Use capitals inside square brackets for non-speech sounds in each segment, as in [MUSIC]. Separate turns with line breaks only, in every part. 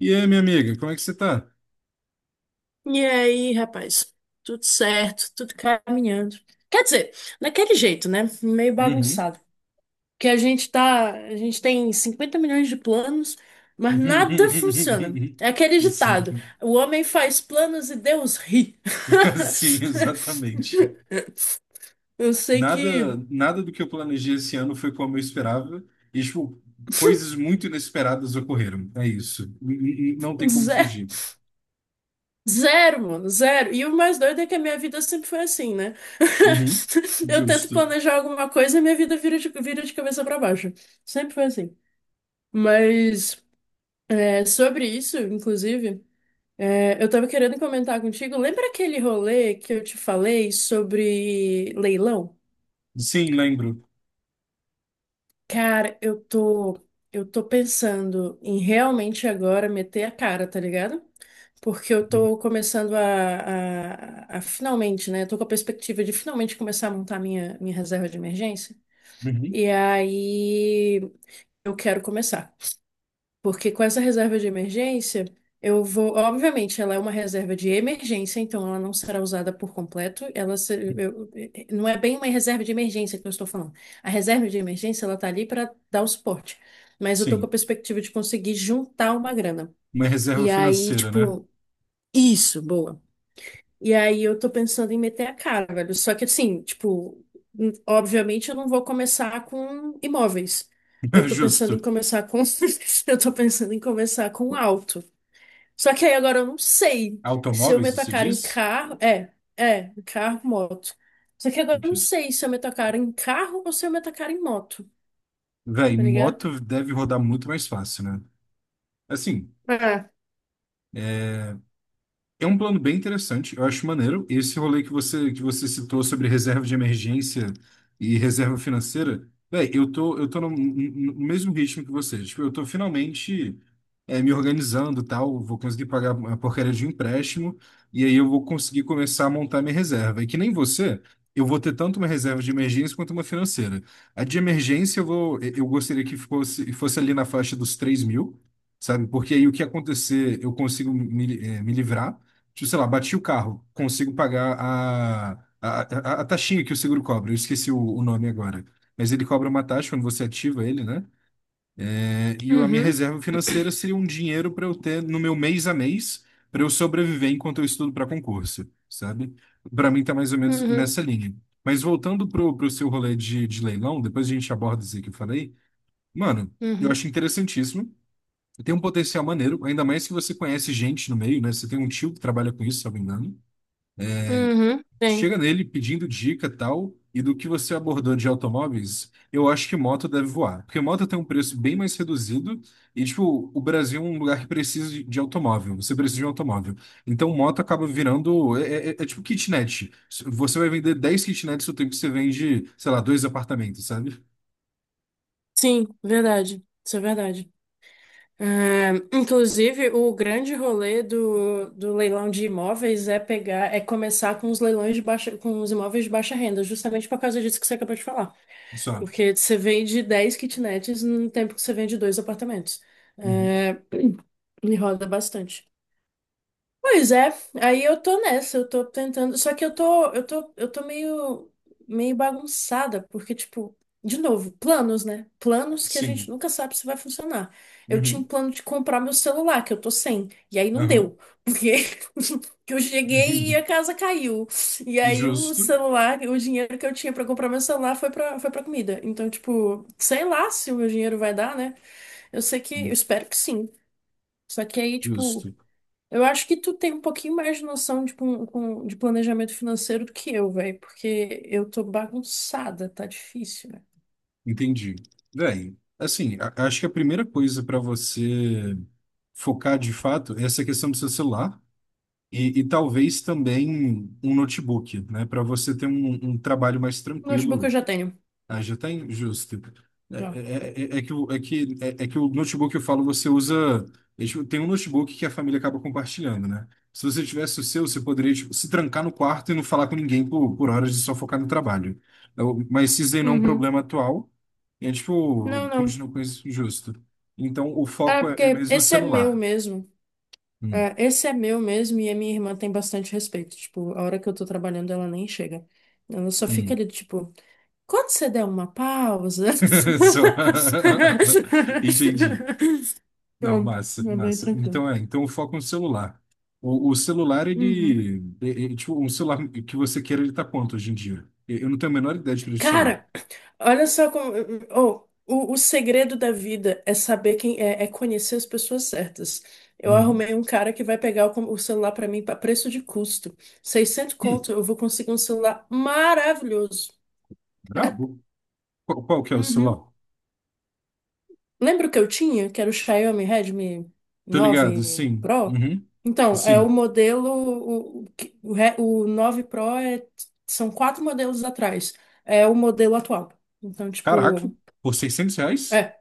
E aí, minha amiga, como é que você tá?
E aí, rapaz, tudo certo, tudo caminhando. Quer dizer, daquele jeito, né? Meio
Uhum.
bagunçado. Que a gente tá, a gente tem 50 milhões de planos, mas nada funciona.
[LAUGHS]
É aquele ditado:
Sim.
o homem faz planos e Deus ri.
[LAUGHS]
[LAUGHS]
Sim, exatamente.
Eu sei
Nada,
que
nada do que eu planejei esse ano foi como eu esperava. E, tipo, coisas muito inesperadas ocorreram. É isso. Não tem como
zero,
fugir.
zero, mano, zero. E o mais doido é que a minha vida sempre foi assim, né?
Uhum.
[LAUGHS] Eu tento
Justo.
planejar alguma coisa e minha vida vira de cabeça pra baixo. Sempre foi assim. Mas é sobre isso, inclusive, eu tava querendo comentar contigo. Lembra aquele rolê que eu te falei sobre leilão?
Sim, lembro.
Cara, eu tô pensando em realmente agora meter a cara, tá ligado? Porque eu
Uhum.
tô começando a finalmente, né? Eu tô com a perspectiva de finalmente começar a montar minha reserva de emergência.
Uhum.
E aí eu quero começar. Porque com essa reserva de emergência, eu vou. Obviamente, ela é uma reserva de emergência, então ela não será usada por completo. Ela se- eu- eh, Não é bem uma reserva de emergência que eu estou falando. A reserva de emergência, ela tá ali para dar o suporte. Mas eu tô com a
Sim.
perspectiva de conseguir juntar uma grana.
Uma reserva
E aí,
financeira, né?
tipo, isso, boa. E aí eu tô pensando em meter a cara, velho. Só que assim, tipo, obviamente eu não vou começar com imóveis. Eu
[LAUGHS]
tô pensando
Justo.
em começar com. [LAUGHS] Eu tô pensando em começar com auto. Só que aí agora eu não sei se eu
Automóveis,
meto a
você
cara em
diz?
carro. Carro, moto. Só que agora eu não
Ok.
sei se eu meto a cara em carro ou se eu meto a cara em moto,
Véi,
tá ligado?
moto deve rodar muito mais fácil, né? Assim.
É.
É um plano bem interessante, eu acho maneiro. Esse rolê que você, citou sobre reserva de emergência e reserva financeira, véi, eu tô no, no mesmo ritmo que você. Tipo, eu tô finalmente me organizando, e tal, vou conseguir pagar a porcaria de um empréstimo e aí eu vou conseguir começar a montar minha reserva. E que nem você, eu vou ter tanto uma reserva de emergência quanto uma financeira. A de emergência eu gostaria que fosse ali na faixa dos 3.000. Sabe? Porque aí o que acontecer, eu consigo me livrar. Tipo, sei lá, bati o carro, consigo pagar a taxinha que o seguro cobra. Eu esqueci o nome agora. Mas ele cobra uma taxa quando você ativa ele, né? É, e a minha
Uhum,
reserva financeira seria um dinheiro para eu ter no meu mês a mês, para eu sobreviver enquanto eu estudo para concurso, sabe? Para mim tá mais ou menos
uhum,
nessa linha. Mas voltando pro seu rolê de leilão, depois a gente aborda isso aí que eu falei. Mano, eu
uhum,
acho interessantíssimo. Tem um potencial maneiro, ainda mais que você conhece gente no meio, né? Você tem um tio que trabalha com isso, se eu não me engano.
uhum. Tenho.
Chega nele pedindo dica tal, e do que você abordou de automóveis, eu acho que moto deve voar. Porque moto tem um preço bem mais reduzido, e tipo, o Brasil é um lugar que precisa de automóvel, você precisa de um automóvel. Então moto acaba virando, é tipo kitnet. Você vai vender 10 kitnets no tempo que você vende, sei lá, dois apartamentos, sabe?
Sim, verdade. Isso é verdade. É, inclusive, o grande rolê do leilão de imóveis é pegar, é começar com os leilões de baixa, com os imóveis de baixa renda, justamente por causa disso que você acabou de falar.
Só.
Porque você vende 10 kitnets no tempo que você vende dois apartamentos.
Uhum.
É, me roda bastante. Pois é, aí eu tô nessa, eu tô tentando, só que eu tô meio, meio bagunçada, porque, tipo, de novo, planos, né? Planos que a
Sim.
gente nunca sabe se vai funcionar. Eu tinha um
Uhum.
plano de comprar meu celular, que eu tô sem, e aí não
Aham.
deu, porque [LAUGHS] que eu cheguei e a
[LAUGHS]
casa caiu. E aí o
Justo.
celular, o dinheiro que eu tinha pra comprar meu celular foi foi pra comida. Então, tipo, sei lá se o meu dinheiro vai dar, né? Eu sei que, eu espero que sim. Só que aí, tipo,
Justo.
eu acho que tu tem um pouquinho mais de noção de, de planejamento financeiro do que eu, velho, porque eu tô bagunçada, tá difícil, velho.
Entendi. Véi, assim, acho que a primeira coisa para você focar de fato é essa questão do seu celular e talvez também um notebook, né? Para você ter um trabalho mais
Notebook eu
tranquilo.
já tenho.
Ah, já está injusto.
Já.
É que o notebook que eu falo, você usa. Tem um notebook que a família acaba compartilhando, né? Se você tivesse o seu, você poderia, tipo, se trancar no quarto e não falar com ninguém por horas e só focar no trabalho. Mas se zenou um
Uhum.
problema atual, e é tipo,
Não, não.
continua com isso justo. Então o
Ah,
foco é
porque
mesmo o
esse é meu
celular.
mesmo.
Hum,
É, esse é meu mesmo e a minha irmã tem bastante respeito. Tipo, a hora que eu tô trabalhando, ela nem chega. Ela só fica
hum.
ali, tipo, quando você der uma pausa.
[LAUGHS] Só. [LAUGHS] Entendi.
[LAUGHS]
Não,
Pronto,
massa,
é bem
massa.
tranquilo.
Então então o foco no celular. O celular,
Uhum.
ele, tipo, um celular que você queira, ele tá quanto hoje em dia? Eu não tenho a menor ideia de preço de celular.
Cara, olha só como. Oh, o segredo da vida é saber quem é, é conhecer as pessoas certas. Eu
Uhum.
arrumei um cara que vai pegar o celular pra mim para preço de custo. 600
Hum,
conto, eu vou conseguir um celular maravilhoso.
brabo. Qual que é o
Uhum.
celular?
Lembra o que eu tinha? Que era o Xiaomi Redmi
Tô ligado,
nove
sim.
Pro?
Uhum.
Então, é
Sim.
o modelo. O, que- o, Re- o 9 Pro é, são quatro modelos atrás. É o modelo atual. Então,
Caraca,
tipo.
por R$ 600?
É,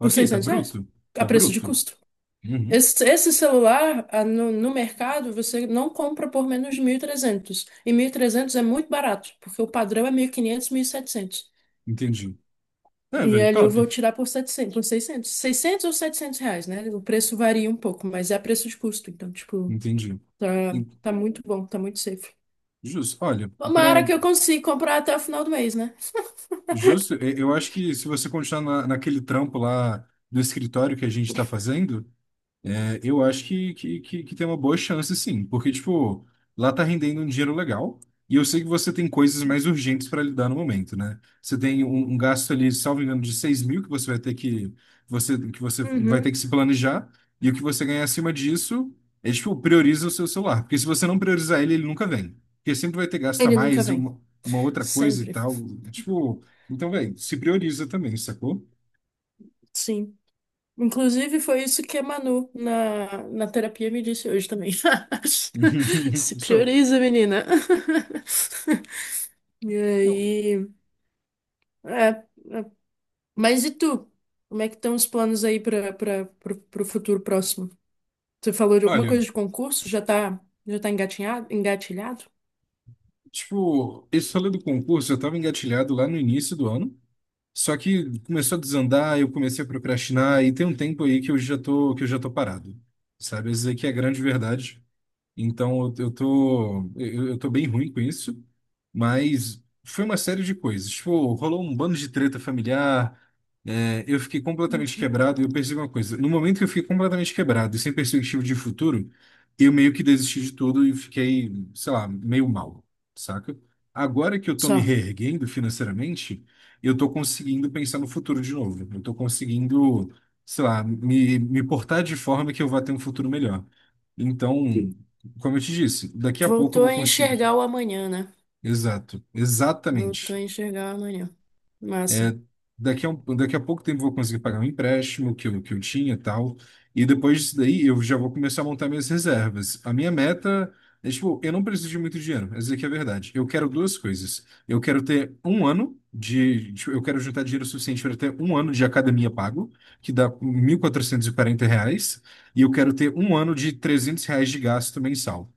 por
tá
600 reais?
bruto.
A
Tá
preço de
bruto.
custo.
Uhum.
Esse celular, ah, no mercado, você não compra por menos de 1.300. E mil e trezentos é muito barato, porque o padrão é 1.500, 1.700. E 700.
Entendi. É,
E
velho,
ali eu
top.
vou tirar por 700, por 600. 600 ou 700 reais, né? O preço varia um pouco, mas é a preço de custo. Então, tipo,
Entendi.
tá,
En-
tá muito bom, tá muito safe.
Justo. Olha,
Tomara que eu consiga comprar até o final do mês, né?
justo. Eu acho que se você continuar naquele trampo lá do escritório que a gente está fazendo, eu acho que tem uma boa chance, sim, porque, tipo, lá tá rendendo um dinheiro legal, e eu sei que você tem coisas mais urgentes para lidar no momento, né? Você tem um gasto ali, salvo engano, de 6.000 que você vai ter que, que você vai ter
Uhum.
que se planejar, e o que você ganhar acima disso é, tipo, prioriza o seu celular, porque se você não priorizar ele, ele nunca vem, porque sempre vai ter gasto a
Ele nunca
mais,
vem.
uma outra coisa e
Sempre.
tal, tipo, então, velho, se prioriza também, sacou?
Sim. Inclusive, foi isso que a Manu na terapia me disse hoje também. [LAUGHS] Se
[LAUGHS] Isso.
prioriza, menina. [LAUGHS] E
Não.
aí. É, é. Mas e tu? Como é que estão os planos aí para o futuro próximo? Você falou de alguma
Olha.
coisa de concurso? Já tá engatinhado, engatilhado?
Tipo, esse rolê do concurso eu estava engatilhado lá no início do ano, só que começou a desandar, eu comecei a procrastinar e tem um tempo aí que eu já tô parado, sabe? Isso aí que é a grande verdade. Então eu tô bem ruim com isso, mas foi uma série de coisas. Tipo, rolou um bando de treta familiar, eu fiquei completamente
Uhum.
quebrado e eu percebi uma coisa. No momento que eu fiquei completamente quebrado e sem perspectiva de futuro, eu meio que desisti de tudo e fiquei, sei lá, meio mal, saca? Agora que eu tô me
Só.
reerguendo financeiramente, eu tô conseguindo pensar no futuro de novo. Eu tô conseguindo, sei lá, me portar de forma que eu vá ter um futuro melhor. Então, como eu te disse, daqui a pouco eu
Voltou
vou
a
conseguir.
enxergar o amanhã, né?
Exato,
Voltou
exatamente.
a enxergar o amanhã. Massa.
Daqui a pouco tempo eu vou conseguir pagar um empréstimo que eu tinha e tal. E depois disso daí eu já vou começar a montar minhas reservas. A minha meta é, tipo, eu não preciso de muito dinheiro. Essa aqui é a verdade. Eu quero duas coisas. Eu quero ter um ano de. Tipo, eu quero juntar dinheiro suficiente para ter um ano de academia pago, que dá R$ 1.440. E eu quero ter um ano de R$ 300 de gasto mensal,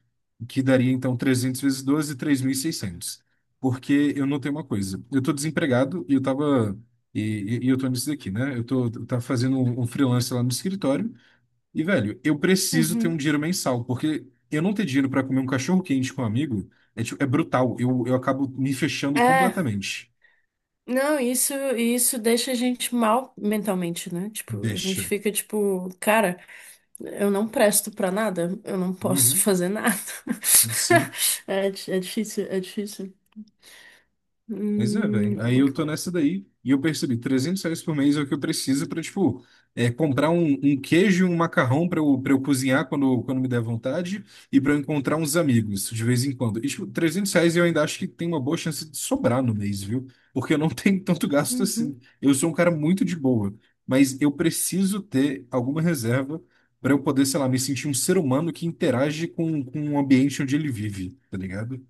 que daria então 300 vezes 12, 600. Porque eu notei uma coisa. Eu tô desempregado e eu tava e, e eu tô nisso daqui, né? Eu tava fazendo um freelance lá no escritório e, velho, eu preciso ter um
Uhum.
dinheiro mensal, porque eu não ter dinheiro para comer um cachorro quente com um amigo é, tipo, é brutal. Eu acabo me fechando
É.
completamente.
Não, isso deixa a gente mal mentalmente, né? Tipo, a gente
Deixa.
fica tipo, cara, eu não presto pra nada, eu não posso
Uhum.
fazer nada. [LAUGHS]
Sim.
É, é difícil, é difícil.
Pois é, velho. Aí eu
Work
tô
life.
nessa daí e eu percebi, R$ 300 por mês é o que eu preciso pra, tipo, comprar um queijo e um macarrão pra eu cozinhar quando me der vontade e pra eu encontrar uns amigos de vez em quando. E, tipo, R$ 300 eu ainda acho que tem uma boa chance de sobrar no mês, viu? Porque eu não [LAUGHS] tenho tanto gasto assim.
Uhum.
Eu sou um cara muito de boa, mas eu preciso ter alguma reserva pra eu poder, sei lá, me sentir um ser humano que interage com o ambiente onde ele vive, tá ligado?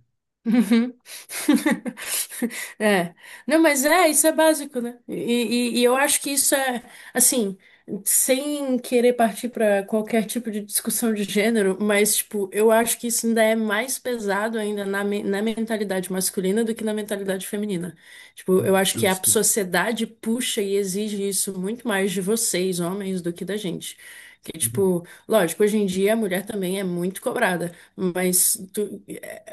Uhum. [LAUGHS] É. Não, mas é, isso é básico, né? E, e eu acho que isso é, assim, sem querer partir para qualquer tipo de discussão de gênero, mas, tipo, eu acho que isso ainda é mais pesado ainda na, na mentalidade masculina do que na mentalidade feminina. Tipo, eu acho que a
Justo.
sociedade puxa e exige isso muito mais de vocês, homens, do que da gente. Que,
Uhum.
tipo, lógico, hoje em dia a mulher também é muito cobrada, mas tu.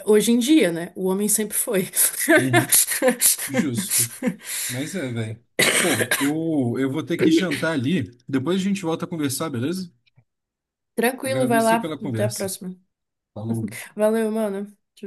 Hoje em dia, né? O homem sempre foi.
Uhum. Justo.
[LAUGHS]
Mas é, velho. Pô, eu vou ter que jantar ali. Depois a gente volta a conversar, beleza?
Tranquilo, vai
Agradeço
lá.
aí pela
Até a
conversa.
próxima.
Falou.
Valeu, mano. Tchau, tchau.